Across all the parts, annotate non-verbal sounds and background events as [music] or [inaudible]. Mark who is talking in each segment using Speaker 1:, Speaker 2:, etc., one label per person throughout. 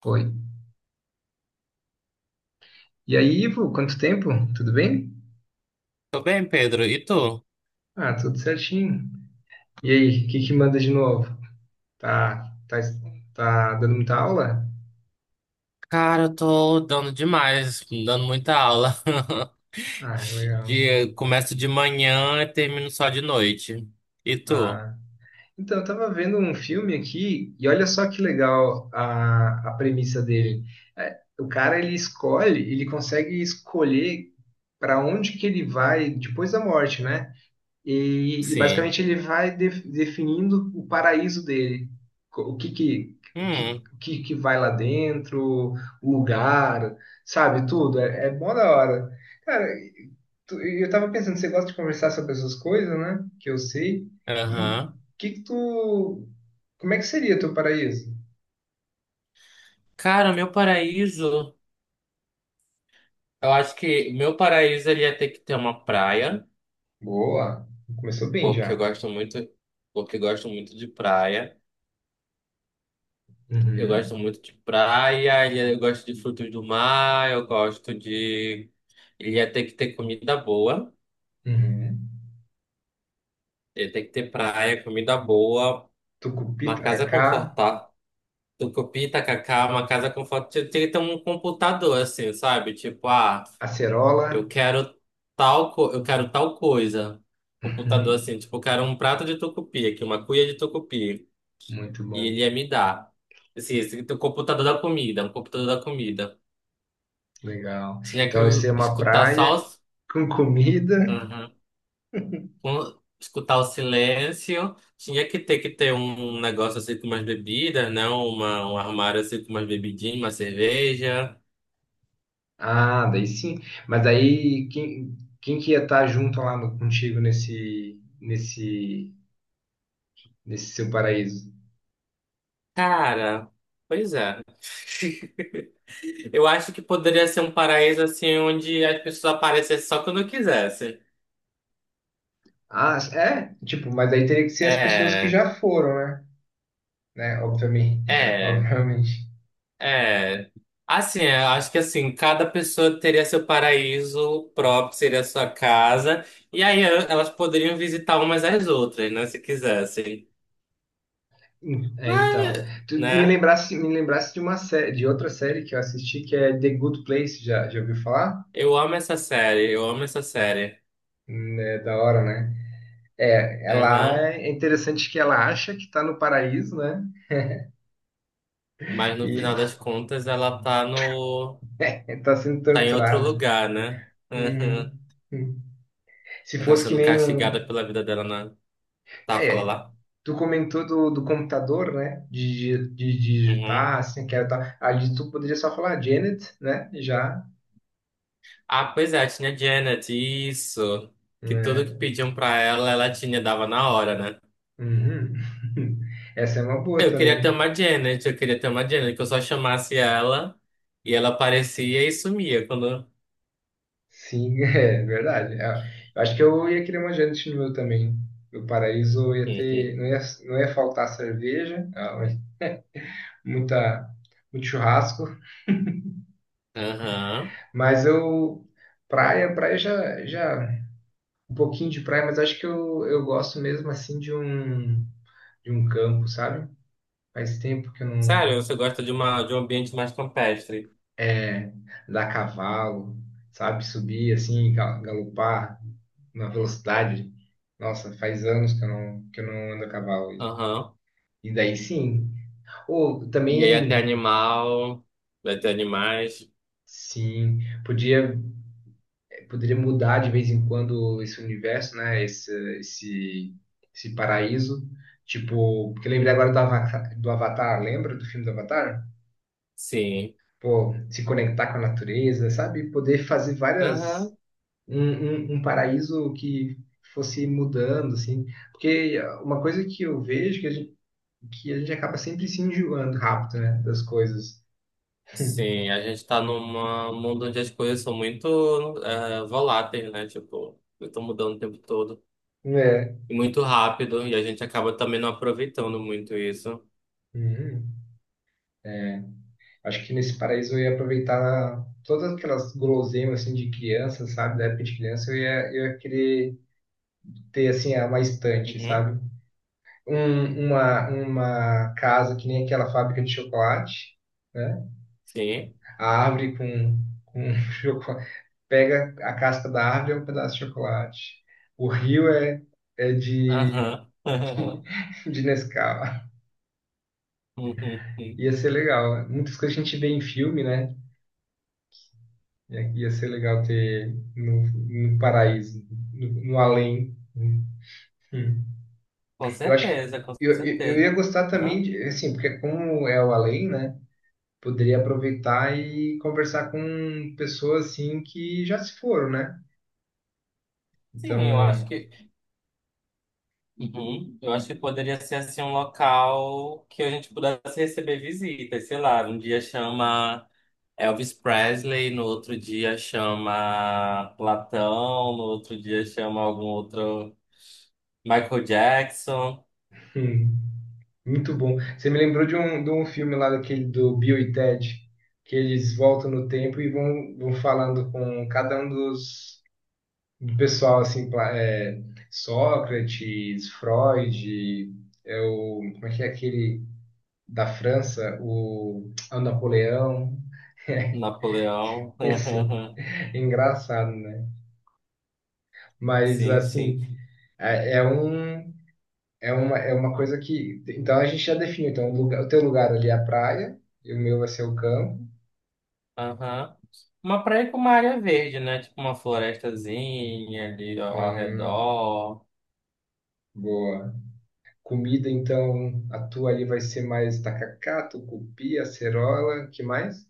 Speaker 1: Foi. E aí, Ivo, quanto tempo? Tudo bem?
Speaker 2: Tô bem, Pedro. E tu?
Speaker 1: Ah, tudo certinho. E aí, o que que manda de novo? Tá, tá, tá dando muita aula?
Speaker 2: Cara, eu tô dando demais, dando muita aula. [laughs]
Speaker 1: Ah, legal.
Speaker 2: De, começo de manhã e termino só de noite. E tu?
Speaker 1: Ah, então, eu tava vendo um filme aqui e olha só que legal a premissa dele. É, o cara, ele escolhe, ele consegue escolher para onde que ele vai depois da morte, né? E
Speaker 2: Sim.
Speaker 1: basicamente ele vai definindo o paraíso dele. O que que, o que,
Speaker 2: Hum,
Speaker 1: o que que vai lá dentro, o lugar, sabe, tudo. É, é mó da hora. Cara, e eu tava pensando, você gosta de conversar sobre essas coisas, né? Que eu sei. E o
Speaker 2: aham.
Speaker 1: que que tu. Como é que seria teu paraíso?
Speaker 2: Cara, meu paraíso. Eu acho que meu paraíso ele ia ter que ter uma praia,
Speaker 1: Boa, começou bem
Speaker 2: porque eu
Speaker 1: já.
Speaker 2: gosto muito, porque eu gosto muito de praia. Eu
Speaker 1: Uhum.
Speaker 2: gosto muito de praia, e eu gosto de frutos do mar, eu gosto de. Ele ia ter que ter comida boa.
Speaker 1: Uhum.
Speaker 2: Ele tem que ter praia, comida boa,
Speaker 1: Tucupi,
Speaker 2: uma casa
Speaker 1: tacacá,
Speaker 2: confortável. Tucupi, tacacá, uma casa confortável. Tem que ter um computador, assim, sabe? Tipo, eu
Speaker 1: acerola.
Speaker 2: quero tal, eu quero tal coisa. Computador,
Speaker 1: Uhum.
Speaker 2: assim, tipo, eu quero um prato de tucupi aqui, uma cuia de tucupi.
Speaker 1: Muito
Speaker 2: E
Speaker 1: bom.
Speaker 2: ele ia me dar. Assim, esse, o computador da comida, um computador da comida.
Speaker 1: Legal.
Speaker 2: Tinha que
Speaker 1: Então, isso é uma
Speaker 2: escutar só
Speaker 1: praia com comida.
Speaker 2: os... escutar o silêncio. Tinha que ter um negócio assim com umas bebidas, né? Uma, um armário assim com umas bebidinhas, uma cerveja.
Speaker 1: Ah, daí sim. Mas daí quem que ia estar junto lá no- contigo nesse seu paraíso?
Speaker 2: Cara, pois é. [laughs] Eu acho que poderia ser um paraíso assim onde as pessoas aparecessem só quando quisessem.
Speaker 1: Ah, é? Tipo, mas daí teria que ser as pessoas que
Speaker 2: É,
Speaker 1: já foram, né? Né? Obviamente. [laughs]
Speaker 2: é,
Speaker 1: Obviamente.
Speaker 2: é. Assim, eu acho que assim, cada pessoa teria seu paraíso próprio, seria a sua casa, e aí elas poderiam visitar umas às outras, né, se quisessem.
Speaker 1: É, então.
Speaker 2: Mas,
Speaker 1: Tu me
Speaker 2: né?
Speaker 1: lembrasse, me lembrasse de uma série, de outra série que eu assisti, que é The Good Place. Já ouviu falar?
Speaker 2: Eu amo essa série, eu amo essa série.
Speaker 1: É da hora, né? É, ela
Speaker 2: Aham.
Speaker 1: é interessante, que ela acha que está no paraíso, né?
Speaker 2: Mas no
Speaker 1: E
Speaker 2: final das contas ela tá no.
Speaker 1: está sendo
Speaker 2: Tá em outro
Speaker 1: torturada.
Speaker 2: lugar, né?
Speaker 1: Uhum.
Speaker 2: Aham.
Speaker 1: Uhum. Se
Speaker 2: Ela tá
Speaker 1: fosse que
Speaker 2: sendo
Speaker 1: nem
Speaker 2: castigada
Speaker 1: um.
Speaker 2: pela vida dela na. Tá, fala
Speaker 1: É,
Speaker 2: lá.
Speaker 1: tu comentou do computador, né? De
Speaker 2: Uhum.
Speaker 1: digitar, assim, que era tal. Ali tu poderia só falar Janet, né? E já.
Speaker 2: Ah, pois é, tinha Janet, isso. Que tudo que
Speaker 1: Né?
Speaker 2: pediam pra ela, ela tinha, dava na hora, né?
Speaker 1: Uhum. [laughs] Essa é uma boa
Speaker 2: Eu queria ter
Speaker 1: também.
Speaker 2: uma Janet, eu queria ter uma Janet, que eu só chamasse ela e ela aparecia e sumia quando.
Speaker 1: Sim, [laughs] é verdade. É, eu acho que eu ia querer uma Janet no meu também. No paraíso eu ia ter.
Speaker 2: [laughs]
Speaker 1: Não ia faltar cerveja. Ah, muita, muito churrasco.
Speaker 2: Aham.
Speaker 1: Mas eu, praia um pouquinho de praia, mas acho que eu gosto mesmo assim de um campo, sabe? Faz tempo que eu não,
Speaker 2: Sério, você gosta de, uma, de um ambiente mais campestre.
Speaker 1: é, dar cavalo, sabe? Subir assim, galopar na velocidade. Nossa, faz anos que eu não ando a cavalo.
Speaker 2: Aham.
Speaker 1: E daí sim. Ou
Speaker 2: E aí até
Speaker 1: também,
Speaker 2: animal, vai ter animais.
Speaker 1: sim, podia poderia mudar de vez em quando esse universo, né? Esse, Esse paraíso. Tipo, porque eu lembrei agora do Avatar, lembra do filme do Avatar?
Speaker 2: Sim.
Speaker 1: Pô, se conectar com a natureza, sabe? Poder fazer várias.
Speaker 2: Aham.
Speaker 1: Um, Um paraíso que fosse mudando, assim. Porque uma coisa que eu vejo que a gente acaba sempre se enjoando rápido, né? Das coisas.
Speaker 2: Sim, a gente tá num mundo onde as coisas são muito voláteis, né? Tipo, estão mudando o tempo todo.
Speaker 1: É.
Speaker 2: E muito rápido. E a gente acaba também não aproveitando muito isso.
Speaker 1: Uhum. Acho que nesse paraíso eu ia aproveitar todas aquelas guloseimas assim de criança, sabe? Da época de criança eu ia querer ter assim uma estante,
Speaker 2: Uhum.
Speaker 1: sabe? Uma casa que nem aquela fábrica de chocolate, né?
Speaker 2: Sim.
Speaker 1: A árvore com [laughs] chocolate. Pega a casca da árvore é um pedaço de chocolate. O rio é de,
Speaker 2: Aham. [laughs]
Speaker 1: [laughs] de Nescau.
Speaker 2: Uhum. Uhum.
Speaker 1: Ia ser legal. Muitas coisas que a gente vê em filme, né? Ia ser legal ter no, no paraíso, no, no além. Né? Hum.
Speaker 2: Com
Speaker 1: Eu acho que
Speaker 2: certeza, com
Speaker 1: eu ia
Speaker 2: certeza.
Speaker 1: gostar também
Speaker 2: Aham.
Speaker 1: de, assim, porque como é o além, né? Poderia aproveitar e conversar com pessoas assim que já se foram, né?
Speaker 2: Sim, eu acho
Speaker 1: Então,
Speaker 2: que uhum. Eu acho que poderia ser assim um local que a gente pudesse receber visitas, sei lá, um dia chama Elvis Presley, no outro dia chama Platão, no outro dia chama algum outro Michael Jackson,
Speaker 1: hum, muito bom. Você me lembrou de um filme lá daquele do Bill e Ted, que eles voltam no tempo e vão falando com cada um dos do pessoal assim, é, Sócrates, Freud, é o, como é que é aquele da França, o, ah, o Napoleão,
Speaker 2: Napoleão.
Speaker 1: [laughs] e assim,
Speaker 2: [laughs]
Speaker 1: é engraçado, né? Mas
Speaker 2: Sim, sim.
Speaker 1: assim, é, é um é uma coisa que então a gente já definiu, então o lugar, o teu lugar ali é a praia, e o meu vai ser o campo.
Speaker 2: Aham. Uma praia com uma área verde, né? Tipo uma florestazinha ali ao
Speaker 1: Hum,
Speaker 2: redor.
Speaker 1: boa. Comida, então, a tua ali vai ser mais tacacá, tucupi, acerola, que mais?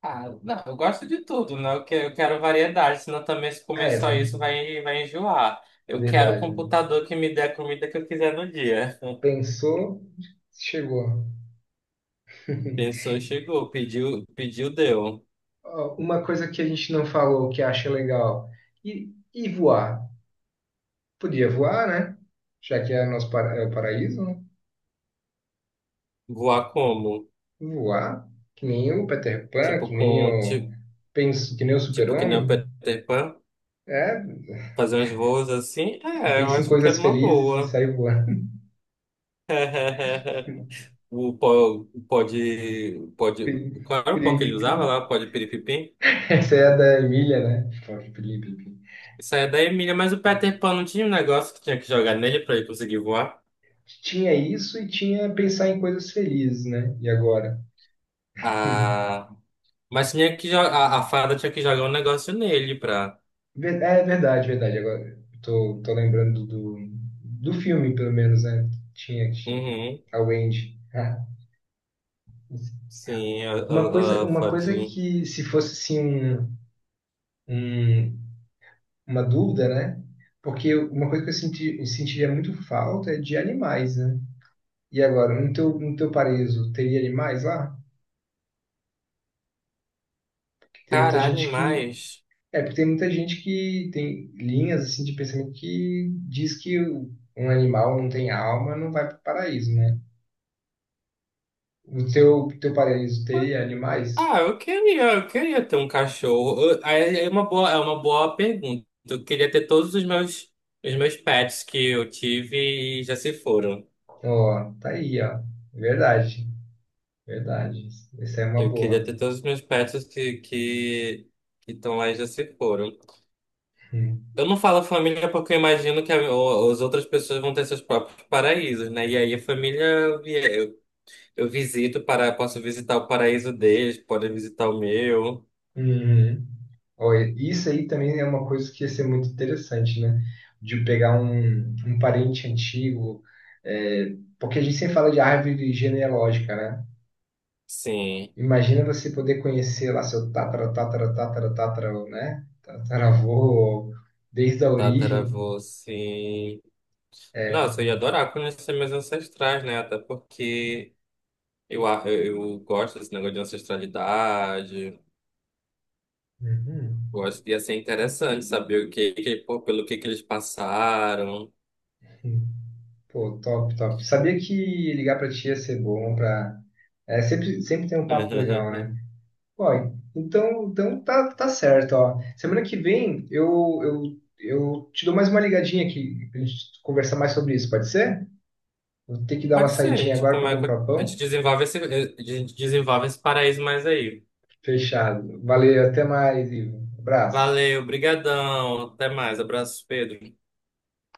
Speaker 2: Ah, não, eu gosto de tudo, né? Eu quero variedade, senão também se
Speaker 1: Ah,
Speaker 2: comer
Speaker 1: é,
Speaker 2: só
Speaker 1: velho.
Speaker 2: isso vai, vai enjoar. Eu quero o
Speaker 1: Verdade, mano.
Speaker 2: computador que me dê a comida que eu quiser no dia.
Speaker 1: Pensou, chegou. [laughs]
Speaker 2: Pensou, chegou, pediu, pediu, deu.
Speaker 1: Ó, uma coisa que a gente não falou que acha legal. E voar? Podia voar, né? Já que é nosso é o paraíso, né?
Speaker 2: Voar como?
Speaker 1: Voar. Que nem o Peter Pan,
Speaker 2: Tipo
Speaker 1: que nem
Speaker 2: com
Speaker 1: o,
Speaker 2: tipo,
Speaker 1: penso, que nem o
Speaker 2: tipo que nem o
Speaker 1: Super-Homem.
Speaker 2: Peter Pan,
Speaker 1: É, [laughs]
Speaker 2: fazer uns voos assim? É, eu
Speaker 1: pensa em
Speaker 2: acho que
Speaker 1: coisas
Speaker 2: era uma
Speaker 1: felizes e
Speaker 2: boa.
Speaker 1: sai voando. [laughs]
Speaker 2: [laughs] O pó, pó de,
Speaker 1: Pilim,
Speaker 2: qual era o pó
Speaker 1: pilim,
Speaker 2: que ele usava
Speaker 1: pilim.
Speaker 2: lá? O pó de piripipim?
Speaker 1: Essa é a da Emília, né? Pilim, pilim, pilim.
Speaker 2: Isso aí é da Emília, mas o Peter Pan não tinha um negócio que tinha que jogar nele pra ele conseguir voar?
Speaker 1: Tinha isso e tinha pensar em coisas felizes, né? E agora? [laughs]
Speaker 2: Ah, mas tinha que jogar, a fada tinha que jogar um negócio nele pra.
Speaker 1: É verdade, verdade. Agora tô lembrando do, do filme, pelo menos, né? Tinha, tinha.
Speaker 2: Uhum,
Speaker 1: A Wendy. Ah.
Speaker 2: sim, a
Speaker 1: Uma coisa
Speaker 2: fadinha.
Speaker 1: que, se fosse assim, um- uma dúvida, né? Porque uma coisa que eu senti, eu sentiria muito falta é de animais, né? E agora, no teu paraíso, teria animais lá? Porque tem muita
Speaker 2: Caralho,
Speaker 1: gente que.
Speaker 2: mas.
Speaker 1: É, porque tem muita gente que tem linhas assim de pensamento que diz que um animal não tem alma, não vai para o paraíso, né? O teu parente teria animais?
Speaker 2: Ah, eu queria ter um cachorro. É é uma boa pergunta. Eu queria ter todos os meus pets que eu tive e já se foram.
Speaker 1: Ó, tá aí, ó. Verdade, verdade. Essa é uma
Speaker 2: Eu queria
Speaker 1: boa.
Speaker 2: ter todos os meus pets que estão lá e já se foram.
Speaker 1: Hum.
Speaker 2: Eu não falo família porque eu imagino que as outras pessoas vão ter seus próprios paraísos, né? E aí a família eu visito para posso visitar o paraíso deles, podem visitar o meu.
Speaker 1: Uhum. Ó, isso aí também é uma coisa que ia ser muito interessante, né? De pegar um, um parente antigo, é, porque a gente sempre fala de árvore genealógica, né?
Speaker 2: Sim,
Speaker 1: Imagina você poder conhecer lá seu tatara, tatara, tatara, tatara, né? Tataravô, desde a origem.
Speaker 2: tataravô, sim. Nossa, eu
Speaker 1: É.
Speaker 2: ia adorar conhecer meus ancestrais, né? Até porque eu gosto desse negócio de ancestralidade.
Speaker 1: Uhum.
Speaker 2: Gosto, ia ser interessante saber o que, que pô, pelo que eles passaram.
Speaker 1: Uhum. Pô, top, top. Sabia que ligar pra ti ia ser bom pra. É, sempre, sempre tem um papo legal, né?
Speaker 2: [laughs]
Speaker 1: Ó, então, tá certo, ó. Semana que vem eu te dou mais uma ligadinha aqui pra gente conversar mais sobre isso, pode ser? Vou ter que dar uma
Speaker 2: Pode ser,
Speaker 1: saidinha
Speaker 2: tipo,
Speaker 1: agora pra
Speaker 2: mas
Speaker 1: comprar
Speaker 2: a gente
Speaker 1: pão.
Speaker 2: desenvolve esse, a gente desenvolve esse paraíso mais aí.
Speaker 1: Fechado. Valeu, até mais, Ivo. Abraço.
Speaker 2: Valeu, brigadão, até mais, abraços, Pedro.